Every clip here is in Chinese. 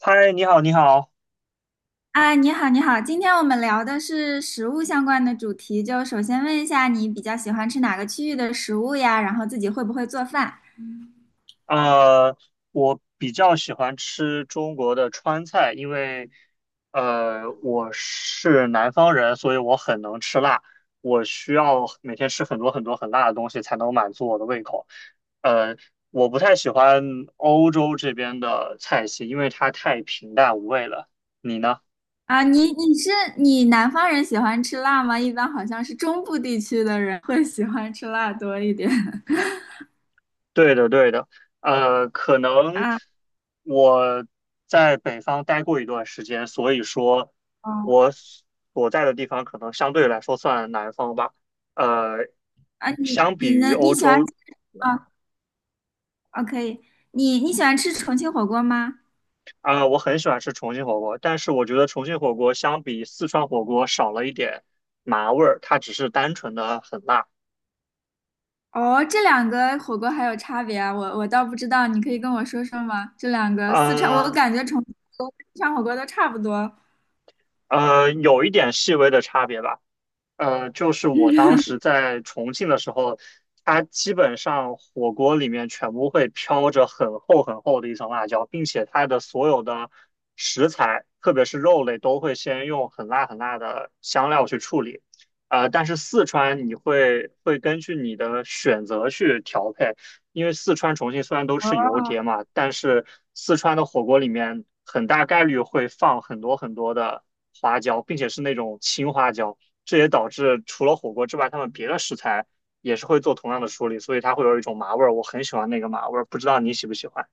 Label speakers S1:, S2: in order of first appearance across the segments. S1: 嗨，你好，你好。
S2: 啊，你好，你好，今天我们聊的是食物相关的主题，就首先问一下你比较喜欢吃哪个区域的食物呀？然后自己会不会做饭？
S1: 呃，我比较喜欢吃中国的川菜，因为我是南方人，所以我很能吃辣。我需要每天吃很多很多很辣的东西才能满足我的胃口。呃，我不太喜欢欧洲这边的菜系，因为它太平淡无味了。你呢？
S2: 啊，你南方人喜欢吃辣吗？一般好像是中部地区的人会喜欢吃辣多一点。
S1: 对的，对的，可能
S2: 啊，
S1: 我在北方待过一段时间，所以说
S2: 哦，
S1: 我所在的地方可能相对来说算南方吧。呃，
S2: 啊，你
S1: 相比
S2: 你
S1: 于
S2: 能你
S1: 欧
S2: 喜欢
S1: 洲，
S2: 吃？啊，哦，可以。你你喜欢吃重庆火锅吗？
S1: 啊、我很喜欢吃重庆火锅，但是我觉得重庆火锅相比四川火锅少了一点麻味儿，它只是单纯的很辣，
S2: 哦，这两个火锅还有差别啊？我倒不知道，你可以跟我说说吗？这两个四川，我
S1: 啊
S2: 感觉重庆火锅、四川火锅都差不多。哦，
S1: 有一点细微的差别吧。就是我当时在重庆的时候，它基本上火锅里面全部会飘着很厚很厚的一层辣椒，并且它的所有的食材，特别是肉类，都会先用很辣很辣的香料去处理。但是四川你会根据你的选择去调配，因为四川、重庆虽然都是油碟嘛，但是四川的火锅里面很大概率会放很多很多的花椒，并且是那种青花椒，这也导致除了火锅之外，他们别的食材也是会做同样的处理，所以它会有一种麻味儿。我很喜欢那个麻味儿，不知道你喜不喜欢？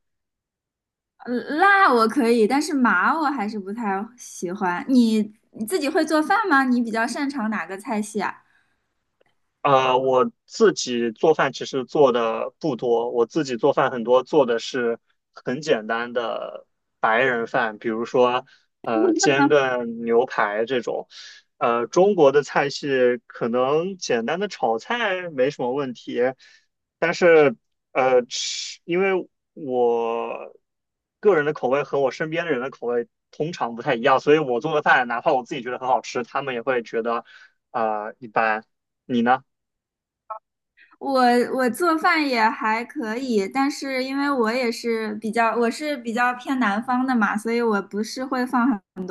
S2: 呃辣我可以，但是麻我还是不太喜欢。你你自己会做饭吗？你比较擅长哪个菜系啊？
S1: 我自己做饭其实做的不多，我自己做饭很多做的是很简单的白人饭，比如说煎个牛排这种。中国的菜系可能简单的炒菜没什么问题，但是吃，因为我个人的口味和我身边的人的口味通常不太一样，所以我做的饭哪怕我自己觉得很好吃，他们也会觉得啊、一般。你呢？
S2: 我我做饭也还可以，但是因为我也是比较，我是比较偏南方的嘛，所以我不是会放很，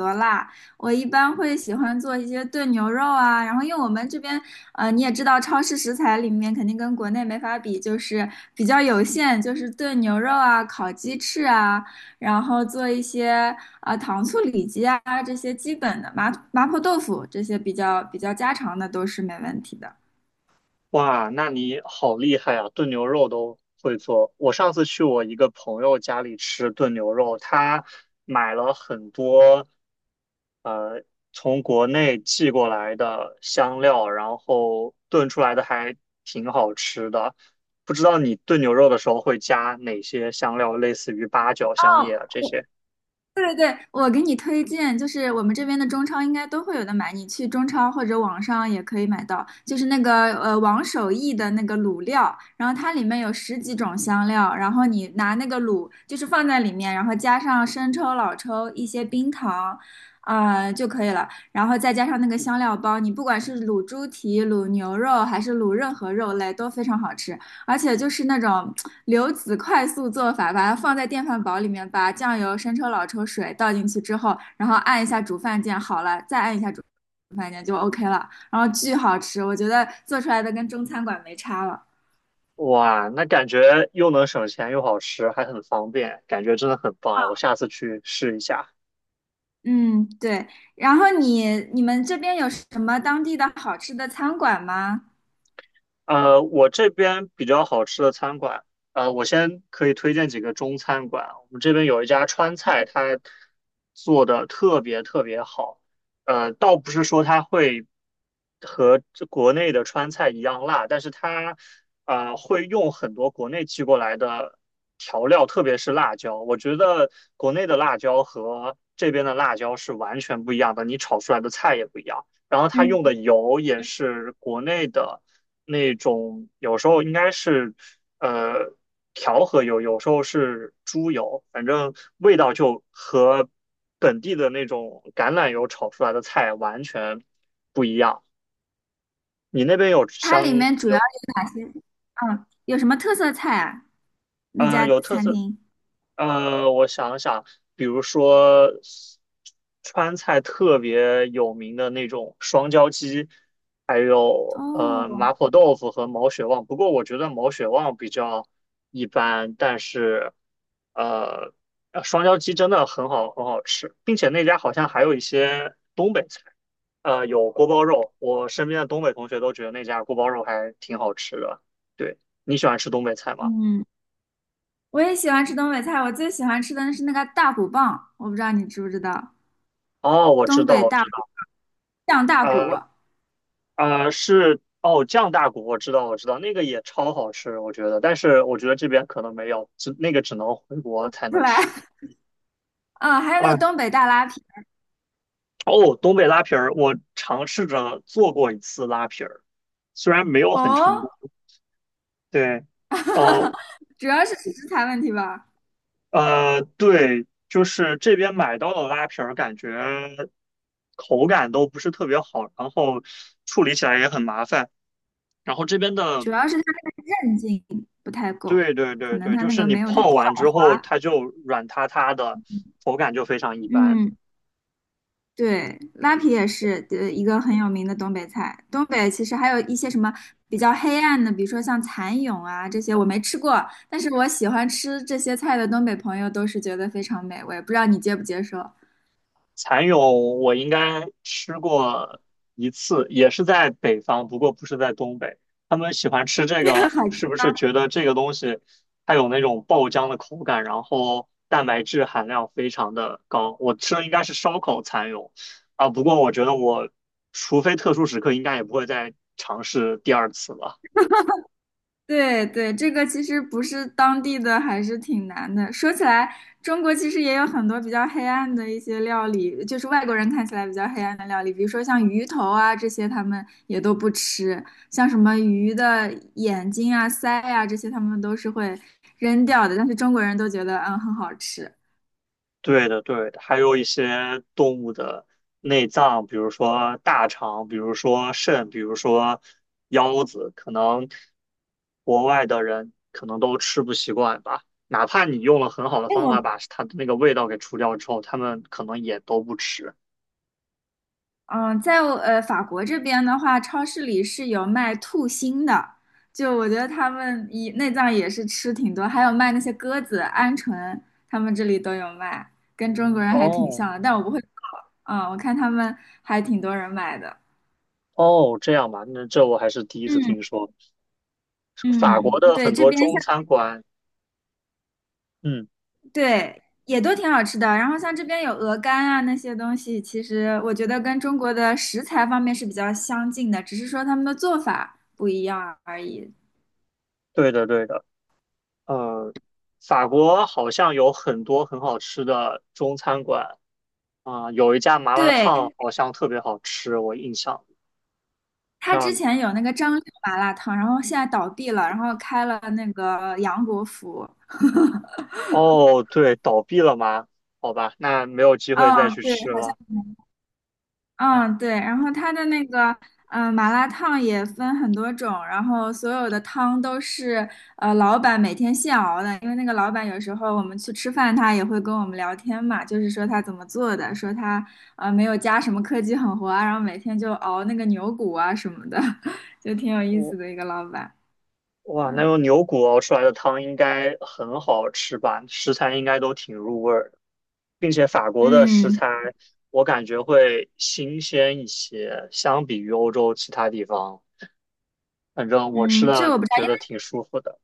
S2: 我一般会喜欢做一些炖牛肉啊，然后因为我们这边，你也知道，超市食材里面肯定跟国内没法比，就是比较有限，就是炖牛肉啊、烤鸡翅啊，然后做一些糖醋里脊啊，这些基本的麻，麻婆豆腐这些比较家常的都是没问题的。
S1: 哇，那你好厉害啊，炖牛肉都会做。我上次去我一个朋友家里吃炖牛肉，他买了很多呃从国内寄过来的香料，然后炖出来的还挺好吃的。不知道你炖牛肉的时候会加哪些香料，类似于八角、香叶啊这些？
S2: 我给你推荐，就是我们这边的中超应该都会有的买，你去中超或者网上也可以买到，就是那个王守义的那个卤料，然后它里面有十几种香料，然后你拿那个卤就是放在里面，然后加上生抽、老抽、一些冰糖，啊、就可以了，然后再加上那个香料包，你不管是卤猪蹄、卤牛肉还是卤任何肉类都非常好吃，而且就是那种流子快速做法，把它放在电饭煲里面，把酱油、生抽、老抽、水倒进去之后，然后按一下煮饭键，好了，再按一下煮饭键就 OK 了，然后巨好吃，我觉得做出来的跟中餐馆没差了。
S1: 哇，那感觉又能省钱又好吃，还很方便，感觉真的很棒哎！我下次去试一下。
S2: 嗯，对。然后你你们这边有什么当地的好吃的餐馆吗？
S1: 我这边比较好吃的餐馆，我先可以推荐几个中餐馆。我们这边有一家川菜，它做的特别特别好。倒不是说它会和这国内的川菜一样辣，但是它会用很多国内寄过来的调料，特别是辣椒。我觉得国内的辣椒和这边的辣椒是完全不一样的，你炒出来的菜也不一样。然后它用
S2: 嗯，
S1: 的油也是国内的那种，有时候应该是呃调和油，有时候是猪油，反正味道就和本地的那种橄榄油炒出来的菜完全不一样。你那边有
S2: 它
S1: 香
S2: 里面主要
S1: 有
S2: 有哪些？嗯，有什么特色菜啊？那
S1: 呃
S2: 家
S1: 有特
S2: 餐
S1: 色
S2: 厅？
S1: 我想想，比如说川菜特别有名的那种双椒鸡，还有麻
S2: 哦，
S1: 婆豆腐和毛血旺。不过我觉得毛血旺比较一般，但是呃双椒鸡真的很好很好吃，并且那家好像还有一些东北菜，有锅包肉，我身边的东北同学都觉得那家锅包肉还挺好吃的。对，你喜欢吃东北菜吗？
S2: 嗯。我也喜欢吃东北菜，我最喜欢吃的是那个大骨棒，我不知道你知不知道，
S1: 哦，我知
S2: 东
S1: 道，
S2: 北
S1: 我
S2: 大
S1: 知
S2: 骨，
S1: 道。
S2: 酱大骨
S1: 呃。啊，是哦，酱大骨我知道，我知道，那个也超好吃，我觉得，但是我觉得这边可能没有，只那个只能回国才
S2: 出
S1: 能
S2: 来，
S1: 吃
S2: 嗯，还有那个
S1: 啊。
S2: 东北大拉皮。
S1: 哦，东北拉皮儿，我尝试着做过一次拉皮儿，虽然没有很
S2: 哦，
S1: 成功，对，呃
S2: 主要是食材问题吧，
S1: 对，就是这边买到的拉皮儿，感觉口感都不是特别好，然后处理起来也很麻烦，然后这边的
S2: 主要是它那个韧劲不太够，
S1: 对对
S2: 可
S1: 对
S2: 能
S1: 对，
S2: 它
S1: 就
S2: 那
S1: 是
S2: 个
S1: 你
S2: 没有它
S1: 泡完
S2: 爽
S1: 之后，
S2: 滑。
S1: 它就软塌塌的，口感就非常一般。
S2: 嗯。对，拉皮也是一个很有名的东北菜。东北其实还有一些什么比较黑暗的，比如说像蚕蛹啊这些，我没吃过，但是我喜欢吃这些菜的东北朋友都是觉得非常美味。不知道你接不接受？
S1: 蚕蛹我应该吃过一次，也是在北方，不过不是在东北。他们喜欢吃这个，是
S2: 好，
S1: 不是觉得这个东西它有那种爆浆的口感，然后蛋白质含量非常的高？我吃的应该是烧烤蚕蛹啊，不过我觉得我除非特殊时刻，应该也不会再尝试第二次了。
S2: 对对，这个其实不是当地的，还是挺难的。说起来，中国其实也有很多比较黑暗的一些料理，就是外国人看起来比较黑暗的料理，比如说像鱼头啊这些，他们也都不吃，像什么鱼的眼睛啊、鳃啊这些，他们都是会扔掉的。但是中国人都觉得嗯很好吃。
S1: 对的，对的，还有一些动物的内脏，比如说大肠，比如说肾，比如说腰子，可能国外的人可能都吃不习惯吧。哪怕你用了很好的方法
S2: 我。
S1: 把它的那个味道给除掉之后，他们可能也都不吃。
S2: 嗯，在法国这边的话，超市里是有卖兔心的，就我觉得他们以内脏也是吃挺多，还有卖那些鸽子、鹌鹑，他们这里都有卖，跟中国人还挺
S1: 哦
S2: 像的，但我不会做，嗯，我看他们还挺多人买的。
S1: 哦，这样吧，那这我还是第一次
S2: 嗯，
S1: 听说。法国
S2: 嗯，
S1: 的
S2: 对，
S1: 很
S2: 这
S1: 多
S2: 边
S1: 中
S2: 像
S1: 餐馆，嗯，
S2: 对也都挺好吃的，然后像这边有鹅肝啊那些东西，其实我觉得跟中国的食材方面是比较相近的，只是说他们的做法不一样而已。
S1: 对的，对的，呃，法国好像有很多很好吃的中餐馆。啊、有一家麻辣烫
S2: 对，
S1: 好像特别好吃，我印象
S2: 他之
S1: 像
S2: 前有那个张六麻辣烫，然后现在倒闭了，然后开了那个杨国福。
S1: 哦，对，倒闭了吗？好吧，那没有机会再
S2: 嗯，
S1: 去
S2: 对，
S1: 吃
S2: 好像，
S1: 了。哎，
S2: 嗯，对。然后他的那个，嗯、麻辣烫也分很多种，然后所有的汤都是老板每天现熬的，因为那个老板有时候我们去吃饭，他也会跟我们聊天嘛，就是说他怎么做的，说他没有加什么科技狠活啊，然后每天就熬那个牛骨啊什么的，就挺有意思
S1: 我
S2: 的一个老板。
S1: 哇，那用牛骨熬出来的汤应该很好吃吧？食材应该都挺入味儿的，并且法国的食
S2: 嗯，
S1: 材我感觉会新鲜一些，相比于欧洲其他地方，反正我吃
S2: 嗯，这
S1: 的
S2: 我不知
S1: 觉得
S2: 道。
S1: 挺舒服的。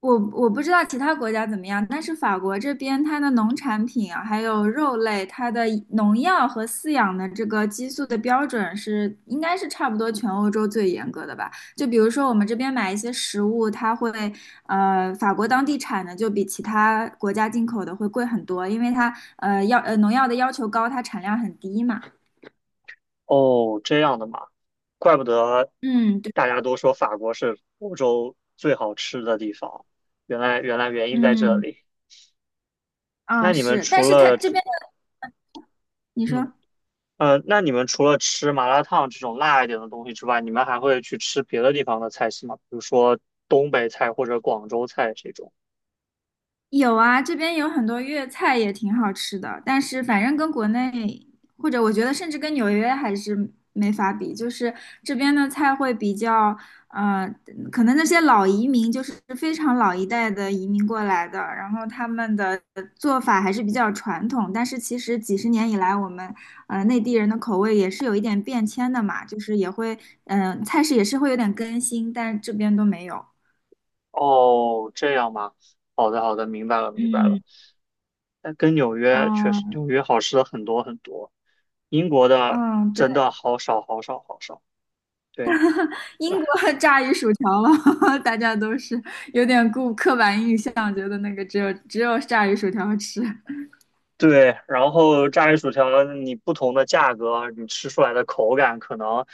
S2: 我，我不知道其他国家怎么样，但是法国这边它的农产品啊，还有肉类，它的农药和饲养的这个激素的标准是应该是差不多全欧洲最严格的吧？就比如说我们这边买一些食物，它会法国当地产的就比其他国家进口的会贵很多，因为它要农药的要求高，它产量很低嘛。
S1: 哦，这样的嘛，怪不得
S2: 嗯，对，
S1: 大家都说法国是欧洲最好吃的地方，原来原因在这
S2: 嗯，
S1: 里。那
S2: 啊，
S1: 你们
S2: 是，
S1: 除
S2: 但是它
S1: 了
S2: 这边的，你
S1: 嗯
S2: 说。
S1: 那你们除了吃麻辣烫这种辣一点的东西之外，你们还会去吃别的地方的菜系吗？比如说东北菜或者广州菜这种。
S2: 有啊，这边有很多粤菜也挺好吃的，但是反正跟国内，或者我觉得甚至跟纽约还是没法比，就是这边的菜会比较，呃，可能那些老移民就是非常老一代的移民过来的，然后他们的做法还是比较传统，但是其实几十年以来，我们内地人的口味也是有一点变迁的嘛，就是也会，嗯、菜式也是会有点更新，但这边都没有，
S1: 哦，这样吗？好的好的，明白了明白了。
S2: 嗯。
S1: 但跟纽约确实，
S2: 嗯，
S1: 纽约好吃的很多很多，英国的
S2: 嗯，对。
S1: 真的好少好少好少。对。
S2: 英国炸鱼薯条了，大家都是有点固刻板印象，觉得那个只有炸鱼薯条吃
S1: 对，然后炸鱼薯条，你不同的价格，你吃出来的口感可能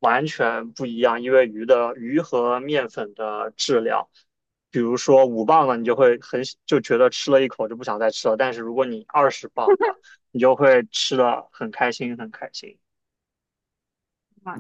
S1: 完全不一样，因为鱼的鱼和面粉的质量，比如说5磅的，你就会很就觉得吃了一口就不想再吃了，但是如果你20磅的，你就会吃的很开心，很开心。
S2: 啊。